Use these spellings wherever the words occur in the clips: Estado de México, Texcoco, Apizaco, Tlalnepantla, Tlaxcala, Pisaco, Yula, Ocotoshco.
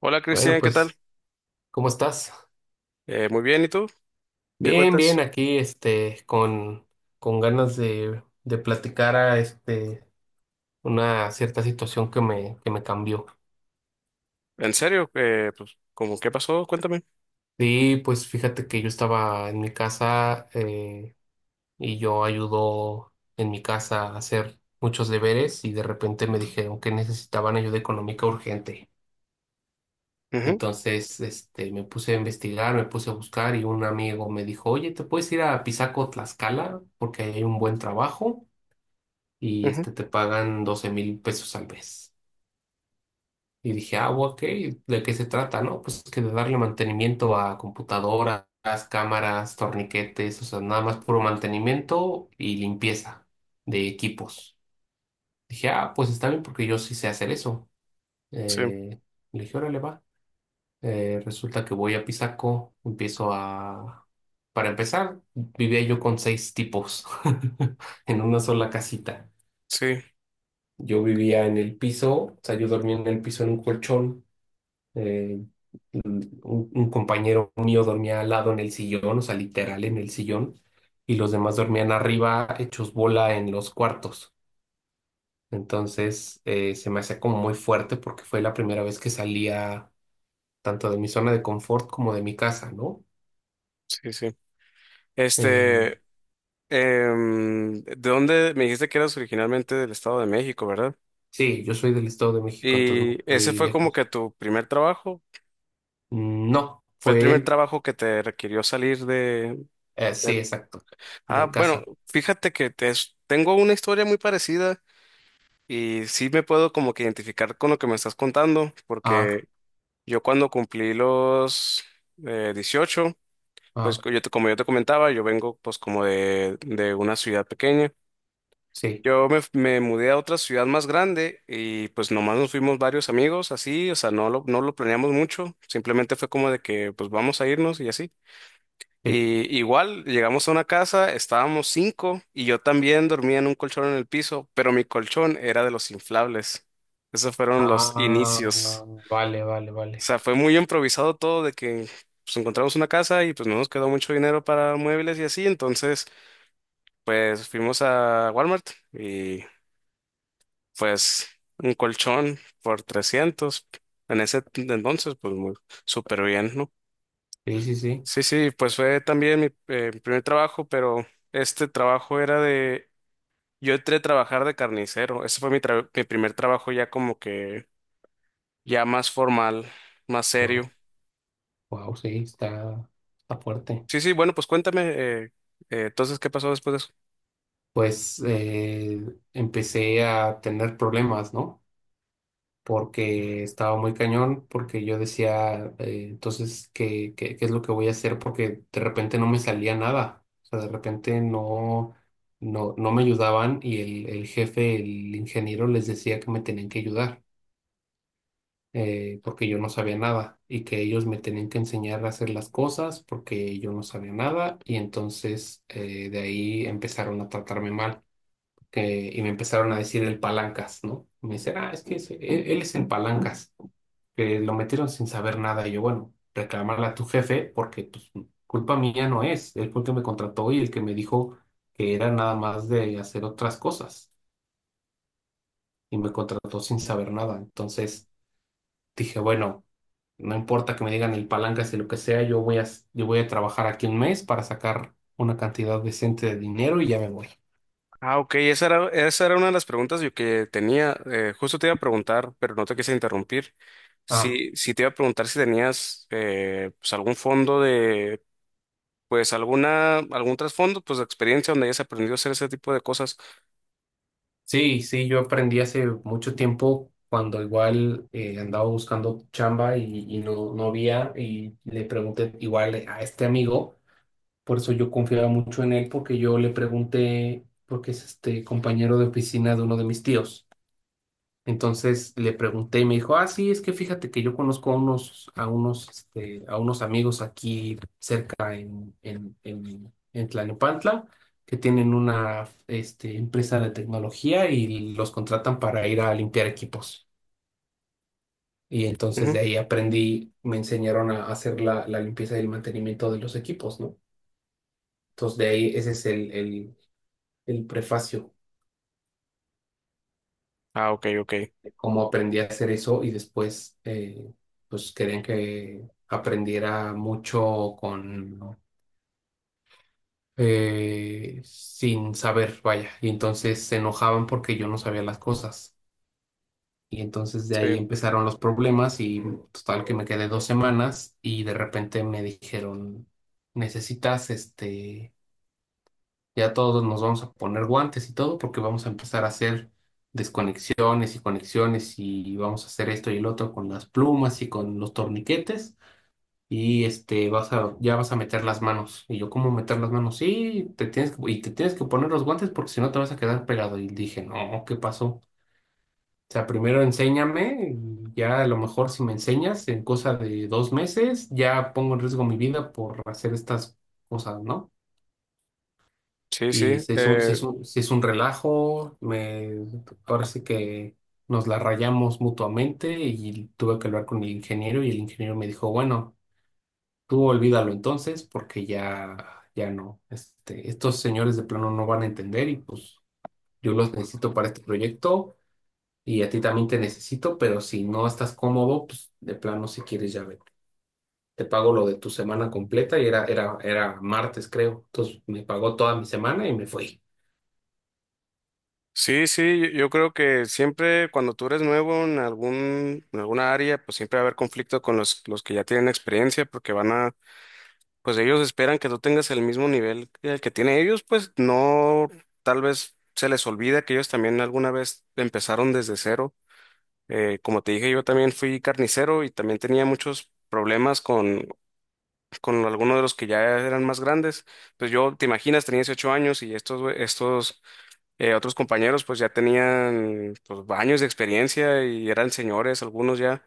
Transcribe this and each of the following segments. Hola Bueno, Cristian, ¿qué tal? pues, ¿cómo estás? Muy bien, ¿y tú? ¿Qué Bien, bien, cuentas? aquí, con ganas de platicar a, una cierta situación que me cambió. ¿En serio? Pues, ¿cómo qué pasó? Cuéntame. Sí, pues fíjate que yo estaba en mi casa y yo ayudo en mi casa a hacer muchos deberes y de repente me dijeron que necesitaban ayuda económica urgente. Y Ujú, entonces, me puse a investigar, me puse a buscar y un amigo me dijo, oye, ¿te puedes ir a Pisaco, Tlaxcala? Porque ahí hay un buen trabajo y ujú. Te pagan 12,000 pesos al mes. Y dije, ah, ok, ¿de qué se trata? No, pues que de darle mantenimiento a computadoras, cámaras, torniquetes, o sea, nada más puro mantenimiento y limpieza de equipos. Dije, ah, pues está bien porque yo sí sé hacer eso. Sí, Eh, Le dije, órale, va. Resulta que voy a Pisaco, Para empezar, vivía yo con seis tipos en una sola casita. sí, Yo vivía en el piso, o sea, yo dormía en el piso en un colchón. eh, un, un compañero mío dormía al lado en el sillón, o sea, literal en el sillón, y los demás dormían arriba, hechos bola en los cuartos. Entonces, se me hacía como muy fuerte porque fue la primera vez que salía tanto de mi zona de confort como de mi casa, ¿no? sí, sí. Eh, Este, ¿De dónde me dijiste que eras originalmente del Estado de México, verdad? sí, yo soy del Estado de México, entonces Y no ese fui fue como lejos. que tu primer trabajo. No, Fue el fue primer él, trabajo que te requirió salir de... de- sí, exacto, Ah, de bueno, casa. fíjate que te- es- tengo una historia muy parecida y sí me puedo como que identificar con lo que me estás contando, Ah, porque yo cuando cumplí los 18, pues ah, como yo te comentaba, yo vengo pues como de una ciudad pequeña. sí. Me mudé a otra ciudad más grande y pues nomás nos fuimos varios amigos así, o sea, no lo planeamos mucho, simplemente fue como de que pues vamos a irnos y así. Sí. Y igual llegamos a una casa, estábamos cinco y yo también dormía en un colchón en el piso, pero mi colchón era de los inflables. Esos fueron los Ah, inicios. vale, vale, vale. Sea, fue muy improvisado todo de que pues, encontramos una casa y pues no nos quedó mucho dinero para muebles y así, entonces pues fuimos a Walmart y pues un colchón por 300 en entonces pues muy súper bien, ¿no? Sí, sí, sí. Sí, sí, pues fue también mi, mi primer trabajo, pero este trabajo era de, yo entré a trabajar de carnicero, ese fue mi primer trabajo ya como que ya más formal, más Wow, serio. wow, sí, está fuerte. Sí, sí, bueno, pues cuéntame, entonces, ¿qué pasó después de eso? Pues empecé a tener problemas, ¿no? Porque estaba muy cañón, porque yo decía, entonces, ¿qué es lo que voy a hacer? Porque de repente no me salía nada. O sea, de repente no me ayudaban y el jefe, el ingeniero, les decía que me tenían que ayudar. Porque yo no sabía nada y que ellos me tenían que enseñar a hacer las cosas porque yo no sabía nada y entonces de ahí empezaron a tratarme mal y me empezaron a decir el palancas, ¿no? Me dicen, ah, es que él es el palancas, que lo metieron sin saber nada y yo, bueno, reclamarle a tu jefe porque pues, culpa mía no es, él fue el que me contrató y el que me dijo que era nada más de hacer otras cosas y me contrató sin saber nada, entonces dije, bueno. No importa que me digan el palancas y lo que sea, yo voy a trabajar aquí un mes para sacar una cantidad decente de dinero y ya me voy. Ah, ok, esa era una de las preguntas yo que tenía. Justo te iba a preguntar, pero no te quise interrumpir. Ah, Sí, sí te iba a preguntar si tenías pues algún fondo de, pues alguna, algún trasfondo, pues de experiencia donde hayas aprendido a hacer ese tipo de cosas. sí, sí, yo aprendí hace mucho tiempo cuando igual andaba buscando chamba y no había y le pregunté igual a este amigo, por eso yo confiaba mucho en él porque yo le pregunté, porque es este compañero de oficina de uno de mis tíos. Entonces le pregunté y me dijo, ah, sí, es que fíjate que yo conozco a unos, a unos amigos aquí cerca en Tlalnepantla que tienen una, empresa de tecnología y los contratan para ir a limpiar equipos. Y entonces Ujú. de ahí aprendí, me enseñaron a hacer la limpieza y el mantenimiento de los equipos, ¿no? Entonces de ahí ese es el prefacio. Ah, ok, ok. Cómo aprendí a hacer eso y después pues querían que aprendiera mucho con sin saber, vaya, y entonces se enojaban porque yo no sabía las cosas. Y entonces de ahí Sí, empezaron los problemas y total que me quedé 2 semanas y de repente me dijeron, necesitas ya todos nos vamos a poner guantes y todo porque vamos a empezar a hacer desconexiones y conexiones y vamos a hacer esto y el otro con las plumas y con los torniquetes y vas a ya vas a meter las manos. Y yo, ¿cómo meter las manos? Sí, te tienes que, y te tienes que poner los guantes porque si no te vas a quedar pegado. Y dije, no, ¿qué pasó? O sea, primero enséñame, ya a lo mejor si me enseñas en cosa de 2 meses, ya pongo en riesgo mi vida por hacer estas cosas, ¿no? sí, Y sí. se hizo, eh, se hizo un relajo, me parece que nos la rayamos mutuamente y tuve que hablar con el ingeniero y el ingeniero me dijo, bueno, tú olvídalo entonces porque ya, ya no, estos señores de plano no van a entender y pues yo los necesito para este proyecto y a ti también te necesito, pero si no estás cómodo, pues de plano si quieres ya vete. Te pago lo de tu semana completa y era martes creo, entonces me pagó toda mi semana y me fui. sí, sí, yo creo que siempre cuando tú eres nuevo en algún, en alguna área, pues siempre va a haber conflicto con los que ya tienen experiencia porque van a pues ellos esperan que tú tengas el mismo nivel que el que tienen ellos, pues no, tal vez se les olvida que ellos también alguna vez empezaron desde cero. Como te dije, yo también fui carnicero y también tenía muchos problemas con algunos de los que ya eran más grandes. Pues yo, te imaginas, tenía 18 años y estos, estos otros compañeros pues ya tenían pues, años de experiencia y eran señores, algunos ya.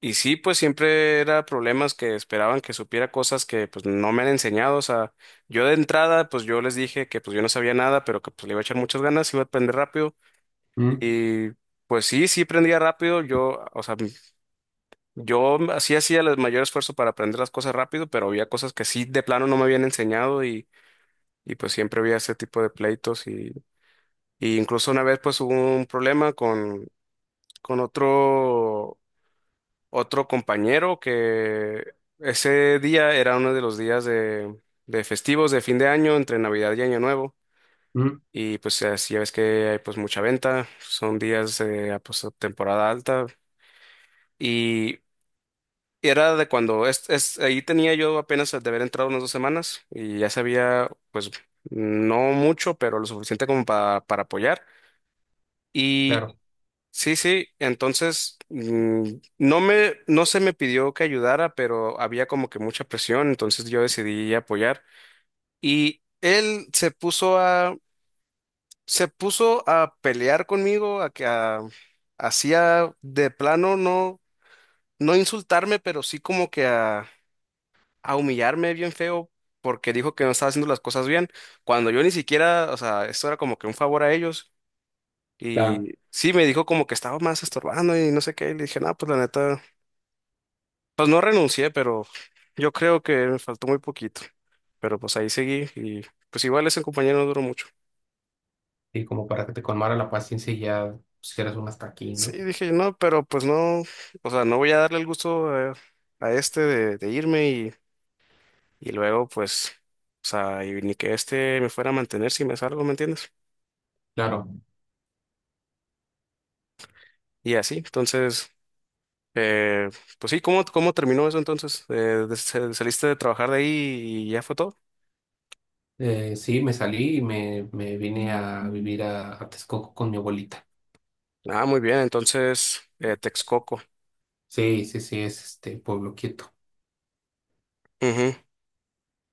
Y sí, pues siempre era problemas que esperaban que supiera cosas que pues no me han enseñado. O sea, yo de entrada, pues yo les dije que pues yo no sabía nada, pero que pues le iba a echar muchas ganas, iba a aprender rápido. Mm, Y pues sí, sí aprendía rápido. Yo, o sea, yo así hacía el mayor esfuerzo para aprender las cosas rápido, pero había cosas que sí de plano no me habían enseñado y pues siempre había ese tipo de pleitos. Y incluso una vez pues hubo un problema con otro. Otro compañero que ese día era uno de los días de festivos de fin de año, entre Navidad y Año Nuevo. mm, Y pues así ya ves que hay pues mucha venta, son días de ah, pues, temporada alta. Y era de cuando, ahí tenía yo apenas de haber entrado unas dos semanas y ya sabía pues no mucho, pero lo suficiente como para apoyar. claro. Sí, sí, entonces no me, no se me pidió que ayudara, pero había como que mucha presión, entonces yo decidí apoyar. Y él se puso a pelear conmigo, hacía de plano no, no insultarme, pero sí como que a humillarme bien feo, porque dijo que no estaba haciendo las cosas bien, cuando yo ni siquiera, o sea, esto era como que un favor a ellos. Claro, Y sí, me dijo como que estaba más estorbando y no sé qué. Y le dije, no, pues la neta. Pues no renuncié, pero yo creo que me faltó muy poquito. Pero pues ahí seguí y pues igual ese compañero no duró mucho. y como para que te colmara la paciencia y ya pusieras un hasta aquí, Sí, ¿no? dije, no, pero pues no, o sea, no voy a darle el gusto a, este de irme y luego pues, o sea, y ni que este me fuera a mantener si me salgo, ¿me entiendes? Claro, Y así, entonces, eh, pues sí, ¿cómo, cómo terminó eso entonces? ¿Saliste de trabajar de ahí y ya fue todo? Sí, me salí y me vine a vivir a Texcoco con mi abuelita. Ah, muy bien, entonces, Texcoco. Sí, sí, sí, es este pueblo quieto. Ujú.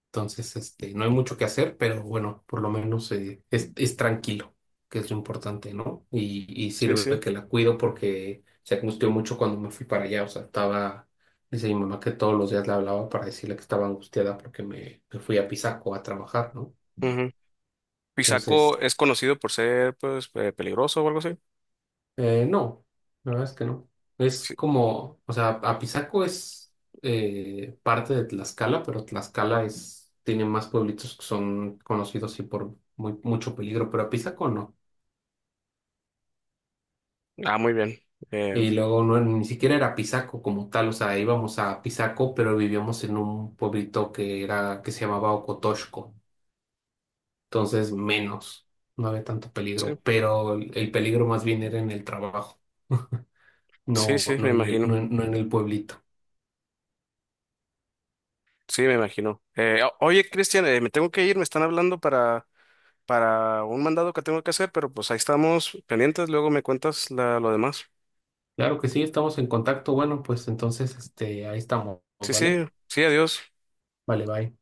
Entonces, no hay mucho que hacer, pero bueno, por lo menos es tranquilo, que es lo importante, ¿no? Y Sí, sirve sí. que la cuido porque se angustió mucho cuando me fui para allá. O sea, dice mi mamá que todos los días le hablaba para decirle que estaba angustiada porque me fui a Pisaco a trabajar, ¿no? Ujú. Entonces, Pisaco es conocido por ser, pues, peligroso o algo así. No, la verdad es que no. Es Sí. como, o sea, Apizaco es parte de Tlaxcala, pero Tlaxcala tiene más pueblitos que son conocidos sí por mucho peligro, pero Apizaco no. Ah, muy bien. Eh, Y luego no, ni siquiera era Apizaco como tal, o sea, íbamos a Apizaco, pero vivíamos en un pueblito que era, que se llamaba Ocotoshco. Entonces menos, no había tanto sí, peligro, pero el peligro más bien era en el trabajo, sí, no, sí, me no en el, imagino. no en no en el pueblito. Sí, me imagino. Oye, Cristian, me tengo que ir, me están hablando para un mandado que tengo que hacer, pero pues ahí estamos pendientes, luego me cuentas lo demás. Claro que sí, estamos en contacto. Bueno, pues entonces, ahí estamos, Sí, ¿vale? sí, sí, adiós. Vale, bye.